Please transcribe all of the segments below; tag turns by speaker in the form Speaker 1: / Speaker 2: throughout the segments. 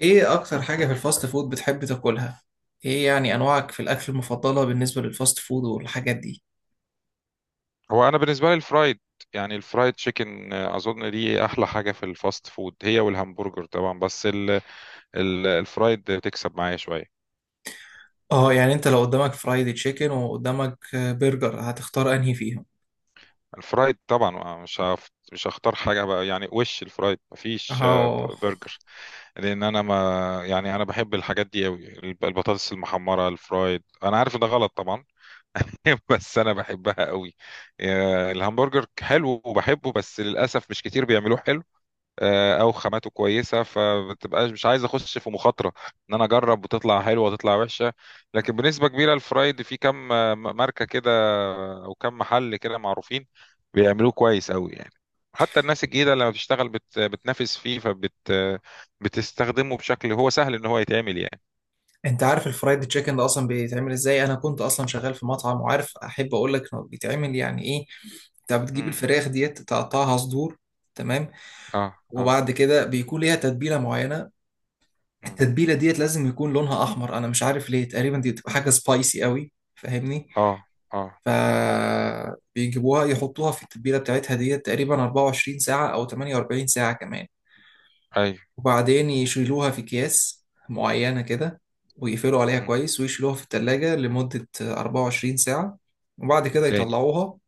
Speaker 1: ايه اكتر حاجة في الفاست فود بتحب تاكلها؟ ايه يعني انواعك في الاكل المفضلة بالنسبة للفاست فود والحاجات دي؟
Speaker 2: هو انا بالنسبه لي الفرايد، يعني الفرايد تشيكن. اظن دي احلى حاجه في الفاست فود، هي والهمبرجر طبعا. بس ال الفرايد بتكسب معايا شويه.
Speaker 1: اه، يعني انت لو قدامك فرايد تشيكن وقدامك برجر هتختار انهي فيهم؟
Speaker 2: الفرايد طبعا. مش هختار حاجه بقى يعني، وش الفرايد مفيش
Speaker 1: اه،
Speaker 2: برجر. لان انا ما، يعني انا بحب الحاجات دي قوي، البطاطس المحمره الفرايد. انا عارف إن ده غلط طبعا بس انا بحبها قوي. الهمبرجر حلو وبحبه بس للاسف مش كتير بيعملوه حلو، او خاماته كويسه، فبتبقاش. مش عايز اخش في مخاطره ان انا اجرب وتطلع حلوه وتطلع وحشه. لكن بنسبه كبيره الفرايد في كم ماركه كده، او كم محل كده معروفين بيعملوه كويس قوي يعني. حتى الناس الجديده لما بتشتغل بتنافس فيه بتستخدمه بشكل هو سهل ان هو يتعمل يعني.
Speaker 1: انت عارف الفرايد تشيكن ده اصلا بيتعمل ازاي؟ انا كنت اصلا شغال في مطعم وعارف، احب اقول لك انه بيتعمل يعني ايه؟ انت بتجيب
Speaker 2: امم.
Speaker 1: الفراخ ديت تقطعها صدور، تمام،
Speaker 2: اه اه.
Speaker 1: وبعد كده بيكون ليها تتبيلة معينة.
Speaker 2: مم.
Speaker 1: التتبيلة ديت لازم يكون لونها احمر، انا مش عارف ليه، تقريبا دي بتبقى حاجة سبايسي قوي، فاهمني؟
Speaker 2: اه اه.
Speaker 1: فبيجيبوها يحطوها في التتبيلة بتاعتها دي تقريبا 24 ساعة أو 48 ساعة كمان،
Speaker 2: ايوه.
Speaker 1: وبعدين يشيلوها في أكياس معينة كده، ويقفلوا عليها
Speaker 2: مم.
Speaker 1: كويس ويشيلوها في التلاجة لمدة 24 ساعة، وبعد كده
Speaker 2: تاني
Speaker 1: يطلعوها.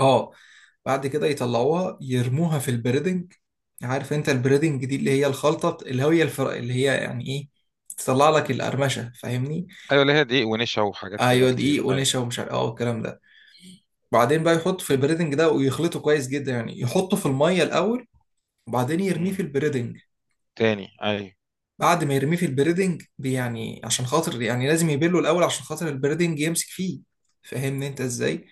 Speaker 1: اه، بعد كده يطلعوها يرموها في البريدنج. عارف انت البريدنج دي اللي هي الخلطة اللي هي اللي هي يعني ايه، تطلع لك القرمشة، فاهمني؟
Speaker 2: ايوه. اللي هي دقيق ونشا وحاجات كده
Speaker 1: ايوه،
Speaker 2: كتير،
Speaker 1: دقيق
Speaker 2: ايوه.
Speaker 1: ونشا ومش عارف اه والكلام ده. بعدين بقى يحط في البريدنج ده ويخلطه كويس جدا، يعني يحطه في الميه الاول وبعدين يرميه
Speaker 2: مم.
Speaker 1: في البريدنج.
Speaker 2: تاني، ايوه
Speaker 1: بعد ما يرميه في البريدنج يعني عشان خاطر، يعني لازم يبله الاول عشان خاطر البريدنج يمسك فيه، فاهمني انت ازاي؟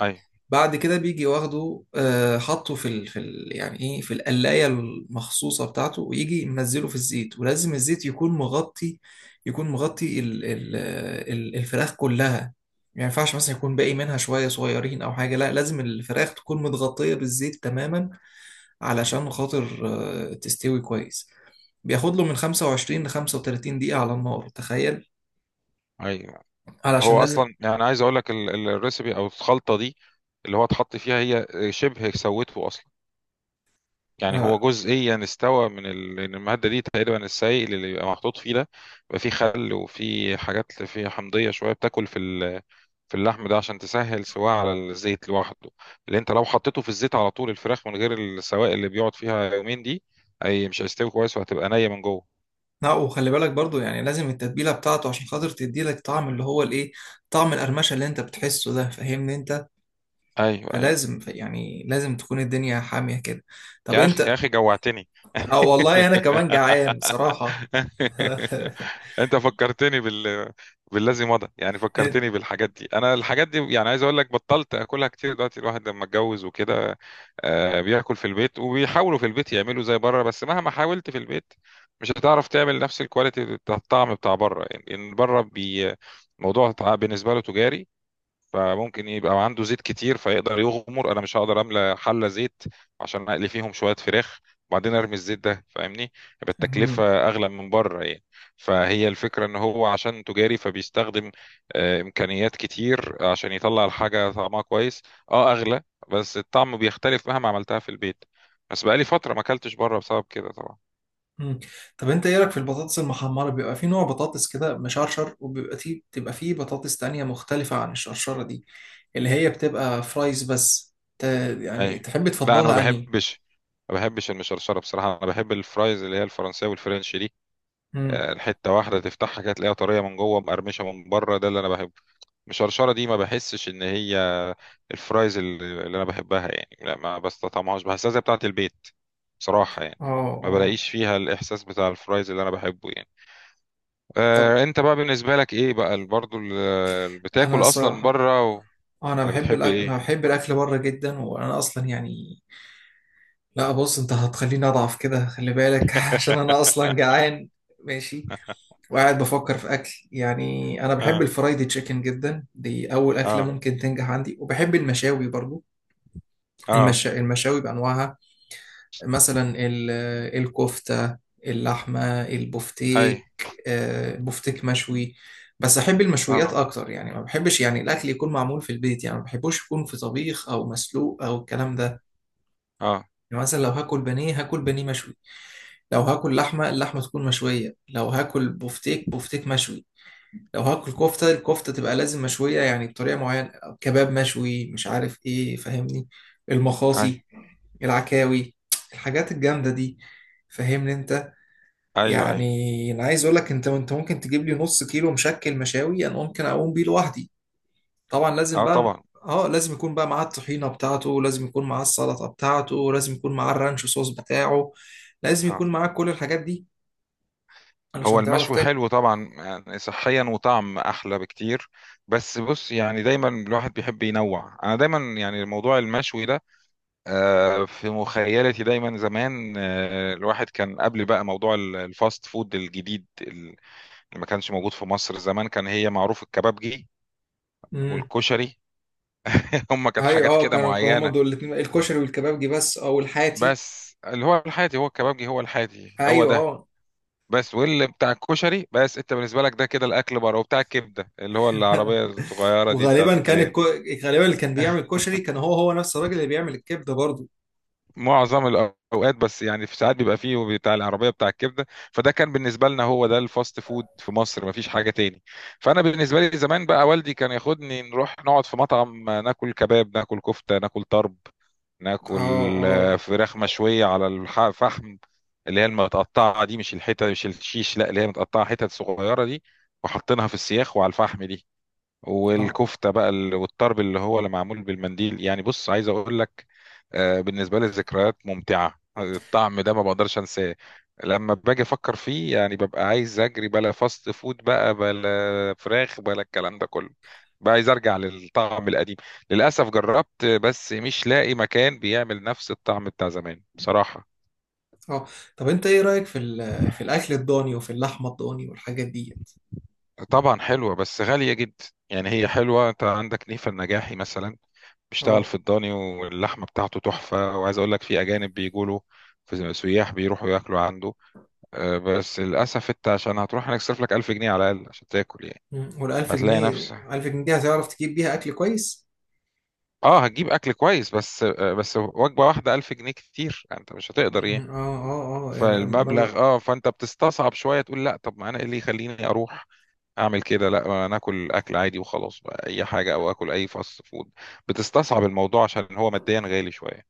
Speaker 2: ايوه.
Speaker 1: بعد كده بيجي واخده، حطه في يعني ايه، في القلايه المخصوصه بتاعته، ويجي منزله في الزيت، ولازم الزيت يكون مغطي. يكون مغطي الفراخ كلها. ما ينفعش مثلا يكون باقي منها شويه صغيرين او حاجه، لا لازم الفراخ تكون متغطيه بالزيت تماما،
Speaker 2: مم.
Speaker 1: علشان خاطر تستوي كويس. بياخد له من 25 ل 35 دقيقه على النار، تخيل،
Speaker 2: ايوه.
Speaker 1: علشان
Speaker 2: هو
Speaker 1: لازم
Speaker 2: اصلا يعني عايز اقول لك الريسبي او الخلطه دي اللي هو اتحط فيها، هي شبه سوته اصلا. يعني هو
Speaker 1: آه،
Speaker 2: جزئيا استوى من لأن الماده دي تقريبا، السائل اللي بيبقى محطوط فيه ده بيبقى فيه خل وفيه حاجات، فيه حمضيه شويه بتاكل في في اللحم ده، عشان تسهل سواه على الزيت لوحده. اللي انت لو حطيته في الزيت على طول الفراخ من غير السوائل اللي بيقعد فيها يومين دي، اي مش هيستوي كويس وهتبقى نيه من جوه.
Speaker 1: لا وخلي بالك برضو، يعني لازم التتبيلة بتاعته عشان خاطر تدي لك طعم اللي هو الايه، طعم القرمشة اللي انت بتحسه ده، فاهمني انت؟
Speaker 2: ايوه ايوه.
Speaker 1: فلازم يعني لازم تكون الدنيا حامية كده. طب
Speaker 2: يا اخي يا
Speaker 1: انت.
Speaker 2: اخي جوعتني.
Speaker 1: اه والله انا كمان جعان بصراحة.
Speaker 2: انت فكرتني بالذي مضى، يعني
Speaker 1: إن-
Speaker 2: فكرتني بالحاجات دي. انا الحاجات دي يعني عايز اقول لك بطلت اكلها كتير دلوقتي. الواحد لما اتجوز وكده بياكل في البيت، وبيحاولوا في البيت يعملوا زي بره، بس مهما حاولت في البيت مش هتعرف تعمل نفس الكواليتي بتاع الطعم بتاع بره. يعني إن بره بي، موضوع بالنسبه له تجاري، فممكن يبقى عنده زيت كتير فيقدر يغمر. انا مش هقدر املى حله زيت عشان اقلي فيهم شويه فراخ وبعدين ارمي الزيت ده، فاهمني؟ يبقى
Speaker 1: مم.
Speaker 2: التكلفه اغلى من بره يعني. فهي الفكره ان هو عشان تجاري فبيستخدم امكانيات كتير عشان يطلع الحاجه طعمها كويس، اه اغلى. بس الطعم بيختلف مهما عملتها في البيت. بس بقالي فتره ما اكلتش بره بسبب كده طبعا.
Speaker 1: مم. طب انت ايه رايك في البطاطس المحمرة؟ بيبقى في نوع بطاطس كده مشرشر، وبيبقى فيه بتبقى فيه بطاطس تانية مختلفة عن الشرشرة دي، اللي هي بتبقى فرايز بس يعني
Speaker 2: ايوه.
Speaker 1: تحب
Speaker 2: لا انا ما
Speaker 1: تفضلها انهي؟
Speaker 2: بحبش، ما بحبش المشرشره بصراحه. انا بحب الفرايز اللي هي الفرنسيه والفرنش،
Speaker 1: مم.
Speaker 2: حته واحده تفتحها كده تلاقيها طريه من جوه مقرمشه من بره، ده اللي انا بحبه. المشرشره دي ما بحسش ان هي الفرايز اللي انا بحبها يعني، لا ما بستطعمهاش، بحسها زي بتاعه البيت بصراحه يعني.
Speaker 1: اه،
Speaker 2: ما
Speaker 1: اه.
Speaker 2: بلاقيش فيها الاحساس بتاع الفرايز اللي انا بحبه يعني.
Speaker 1: طب
Speaker 2: آه انت بقى بالنسبه لك ايه بقى برضو
Speaker 1: انا
Speaker 2: بتاكل اصلا من
Speaker 1: الصراحه،
Speaker 2: بره و،
Speaker 1: انا
Speaker 2: ولا
Speaker 1: بحب
Speaker 2: بتحب
Speaker 1: الاكل،
Speaker 2: ايه؟
Speaker 1: انا بحب الاكل بره جدا، وانا اصلا يعني، لا بص انت هتخليني اضعف كده، خلي بالك، عشان انا اصلا جعان. ماشي. وقاعد بفكر في اكل، يعني انا بحب
Speaker 2: اه
Speaker 1: الفرايدي تشيكن جدا، دي اول اكله
Speaker 2: اه
Speaker 1: ممكن تنجح عندي، وبحب المشاوي برضو.
Speaker 2: اه.
Speaker 1: المشاوي بانواعها، مثلا الكفتة، اللحمة،
Speaker 2: اي.
Speaker 1: البفتيك، البفتيك مشوي. بس أحب المشويات
Speaker 2: اه
Speaker 1: أكتر، يعني ما بحبش يعني الأكل يكون معمول في البيت، يعني ما بحبوش يكون في طبيخ أو مسلوق أو الكلام ده.
Speaker 2: اه.
Speaker 1: يعني مثلا لو هاكل بانيه هاكل بانيه مشوي، لو هاكل لحمة اللحمة تكون مشوية، لو هاكل بفتيك بفتيك مشوي، لو هاكل كفتة الكفتة تبقى لازم مشوية، يعني بطريقة معينة، كباب مشوي مش عارف ايه، فاهمني؟
Speaker 2: اي.
Speaker 1: المخاصي، العكاوي، الحاجات الجامدة دي، فاهمني انت؟
Speaker 2: ايوه ايوه.
Speaker 1: يعني انا عايز اقول لك انت ممكن تجيب لي نص كيلو مشكل مشاوي، انا ممكن اقوم بيه لوحدي. طبعا لازم
Speaker 2: اه
Speaker 1: بقى،
Speaker 2: طبعا.
Speaker 1: اه، لازم يكون بقى معاه الطحينة بتاعته، لازم يكون معاه السلطة بتاعته، لازم يكون معاه الرانش صوص بتاعه، لازم يكون معاه كل الحاجات دي،
Speaker 2: هو
Speaker 1: علشان تعرف
Speaker 2: المشوي حلو طبعا يعني، صحيا وطعم احلى بكتير. بس بص يعني دايما الواحد بيحب ينوع. انا دايما يعني موضوع المشوي ده في مخيلتي دايما زمان، الواحد كان قبل بقى موضوع الفاست فود الجديد اللي ما كانش موجود في مصر زمان، كان هي معروف الكبابجي
Speaker 1: تاكل.
Speaker 2: والكشري. هم كانت
Speaker 1: ايوه،
Speaker 2: حاجات
Speaker 1: اه،
Speaker 2: كده
Speaker 1: كانوا هما
Speaker 2: معينة.
Speaker 1: دول الاثنين، الكشري والكبابجي بس او الحاتي.
Speaker 2: بس اللي هو الحاتي هو الكبابجي، هو الحاتي هو
Speaker 1: ايوه،
Speaker 2: ده.
Speaker 1: اه،
Speaker 2: بس واللي بتاع الكشري. بس انت بالنسبه لك ده، كده الاكل بره وبتاع الكبده اللي هو العربيه الصغيره دي بتاعت
Speaker 1: وغالبا كان
Speaker 2: الكلاب.
Speaker 1: غالبا اللي كان بيعمل الكشري كان هو نفس الراجل اللي بيعمل الكبده برضو.
Speaker 2: معظم الاوقات، بس يعني في ساعات بيبقى فيه بتاع العربيه بتاع الكبده. فده كان بالنسبه لنا هو ده الفاست فود في مصر، مفيش حاجه تاني. فانا بالنسبه لي زمان بقى، والدي كان ياخدني نروح نقعد في مطعم، ناكل كباب ناكل كفته ناكل طرب،
Speaker 1: اه،
Speaker 2: ناكل
Speaker 1: اه،
Speaker 2: فراخ مشويه على الفحم، اللي هي المتقطعه دي، مش الحته مش الشيش، لا اللي هي متقطعه حتت صغيره دي، وحاطينها في السياخ وعلى الفحم دي.
Speaker 1: اه،
Speaker 2: والكفته بقى والطرب اللي هو اللي معمول بالمنديل. يعني بص عايز اقول لك بالنسبة لي ذكريات ممتعة، الطعم ده ما بقدرش انساه. لما باجي افكر فيه يعني ببقى عايز اجري، بلا فاست فود بقى بلا فراخ بلا الكلام ده كله، بقى عايز ارجع للطعم القديم. للاسف جربت بس مش لاقي مكان بيعمل نفس الطعم بتاع زمان بصراحة.
Speaker 1: اه. طب انت ايه رايك في في الاكل الضاني وفي اللحمه الضاني والحاجات دي؟
Speaker 2: طبعا حلوة بس غالية جدا. يعني هي حلوة. انت عندك نيفا النجاحي مثلا، بيشتغل
Speaker 1: اه.
Speaker 2: في الضاني، واللحمة بتاعته تحفة. وعايز اقول لك في اجانب بيجوا له، في سياح بيروحوا ياكلوا عنده. بس للأسف أنت عشان هتروح هنصرف لك 1000 جنيه على الأقل عشان تاكل يعني.
Speaker 1: مم. والألف
Speaker 2: هتلاقي
Speaker 1: جنيه،
Speaker 2: نفسك،
Speaker 1: ألف جنيه دي هتعرف تجيب بيها أكل كويس؟
Speaker 2: أه هتجيب أكل كويس بس. بس وجبة واحدة 1000 جنيه كتير، أنت مش هتقدر يعني.
Speaker 1: مم. اه، اه، اه، مبلغ.
Speaker 2: فالمبلغ، أه فأنت بتستصعب شوية، تقول لأ. طب ما أنا إيه اللي يخليني أروح أعمل كده؟ لأ، ما أنا آكل أكل عادي وخلاص بقى، أي حاجة أو آكل أي فاست فود. بتستصعب الموضوع عشان هو ماديا غالي شوية.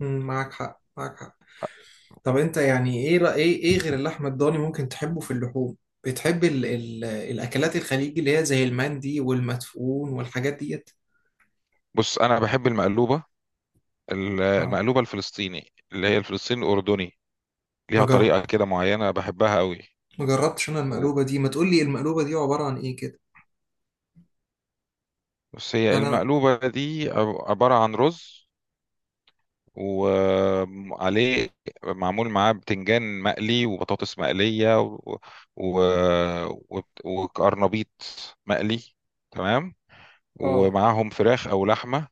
Speaker 1: مم، معاك حق، معاك حق. طب انت يعني ايه ايه، ايه غير اللحمه الضاني ممكن تحبه في اللحوم؟ بتحب ال الاكلات الخليجي اللي هي زي المندي والمدفون والحاجات ديت؟
Speaker 2: بص انا بحب المقلوبه،
Speaker 1: اه،
Speaker 2: المقلوبه الفلسطيني، اللي هي الفلسطيني الاردني.
Speaker 1: ما
Speaker 2: ليها
Speaker 1: جرب،
Speaker 2: طريقه كده معينه بحبها قوي.
Speaker 1: ما جربتش انا المقلوبه دي، ما تقول لي المقلوبه دي عباره عن ايه كده.
Speaker 2: بس هي
Speaker 1: يعني انا.
Speaker 2: المقلوبة دي عبارة عن رز، وعليه معمول معاه بتنجان مقلي وبطاطس مقلية و... و... و... وقرنبيط مقلي. تمام.
Speaker 1: اه،
Speaker 2: ومعاهم فراخ أو لحمة،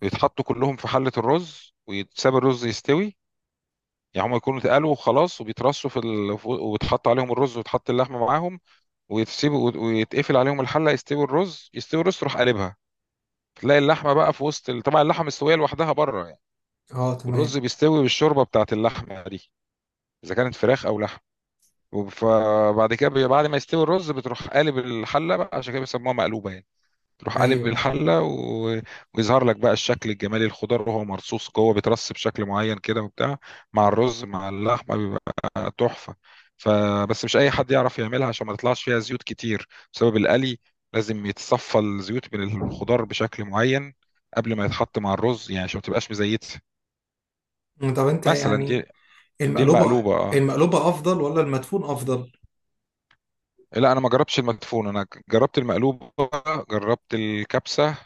Speaker 2: بيتحطوا كلهم في حلة الرز ويتساب الرز يستوي. يعني هم يكونوا اتقلوا وخلاص، وبيترصوا في ويتحط عليهم الرز وتحط اللحمة معاهم، ويتسيبوا ويتقفل عليهم الحلة يستوي الرز. يستوي الرز تروح قلبها، تلاقي اللحمه بقى في وسط طبعا اللحمه مستويه لوحدها بره يعني.
Speaker 1: اه،
Speaker 2: والرز
Speaker 1: تمام.
Speaker 2: بيستوي بالشوربه بتاعت اللحمه دي، اذا كانت فراخ او لحم. فبعد كده بعد ما يستوي الرز بتروح قالب الحله بقى، عشان كده بيسموها مقلوبه يعني. تروح قالب
Speaker 1: ايوه.
Speaker 2: الحله و... ويظهر لك بقى الشكل الجمالي، الخضار وهو مرصوص جوه بيترص بشكل معين كده وبتاع، مع الرز مع اللحمه بيبقى تحفه. فبس مش اي حد يعرف يعملها، عشان ما تطلعش فيها زيوت كتير بسبب القلي. لازم يتصفى الزيوت من الخضار بشكل معين قبل ما يتحط مع الرز يعني، عشان ما تبقاش مزيته
Speaker 1: طب انت
Speaker 2: مثلا دي.
Speaker 1: يعني،
Speaker 2: دي
Speaker 1: المقلوبه
Speaker 2: المقلوبه، اه.
Speaker 1: المقلوبه افضل ولا المدفون افضل؟
Speaker 2: إيه، لا انا ما جربتش المدفون، انا جربت المقلوبه، جربت الكبسه،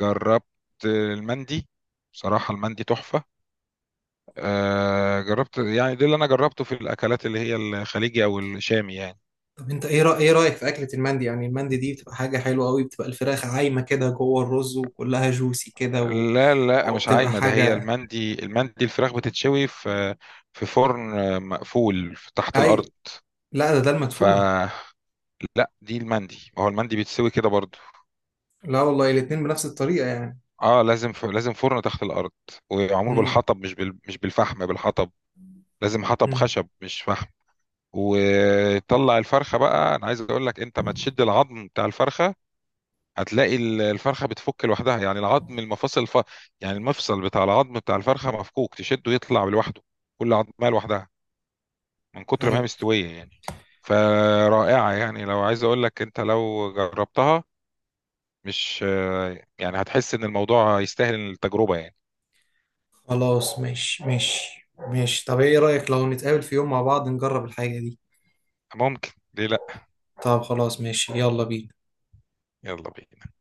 Speaker 2: جربت المندي. بصراحه المندي تحفه. جربت يعني، ده اللي انا جربته في الاكلات اللي هي الخليجي او الشامي يعني.
Speaker 1: طب انت ايه ايه رايك في اكله المندي؟ يعني المندي دي بتبقى حاجه حلوه قوي، بتبقى الفراخ عايمه كده جوه الرز وكلها جوسي كده، و،
Speaker 2: لا لا مش
Speaker 1: وبتبقى
Speaker 2: عايمه، ده هي
Speaker 1: حاجه،
Speaker 2: المندي. المندي الفراخ بتتشوي في في فرن مقفول تحت الارض.
Speaker 1: ايوه. لا، ده ده
Speaker 2: ف،
Speaker 1: المدفون.
Speaker 2: لا دي المندي، ما هو المندي بيتسوي كده برضو.
Speaker 1: لا والله الاتنين بنفس الطريقة يعني.
Speaker 2: اه لازم لازم فرن تحت الارض، ومعمول
Speaker 1: امم،
Speaker 2: بالحطب مش مش بالفحم، بالحطب. لازم حطب
Speaker 1: امم.
Speaker 2: خشب مش فحم. وطلع الفرخه بقى، انا عايز اقول لك انت ما تشد العظم بتاع الفرخه، هتلاقي الفرخه بتفك لوحدها. يعني العظم المفاصل يعني المفصل بتاع العظم بتاع الفرخه مفكوك، تشده يطلع لوحده، كل عظمه لوحدها، من كتر ما
Speaker 1: هاي.
Speaker 2: هي مستويه يعني. فرائعه يعني، لو عايز اقول لك انت لو جربتها، مش، يعني هتحس ان الموضوع يستاهل التجربه يعني.
Speaker 1: خلاص، ماشي، ماشي، ماشي. طب ايه رأيك لو نتقابل في يوم مع بعض نجرب الحاجة دي؟
Speaker 2: ممكن، ليه لا؟
Speaker 1: طب خلاص ماشي، يلا بينا.
Speaker 2: يلا بينا.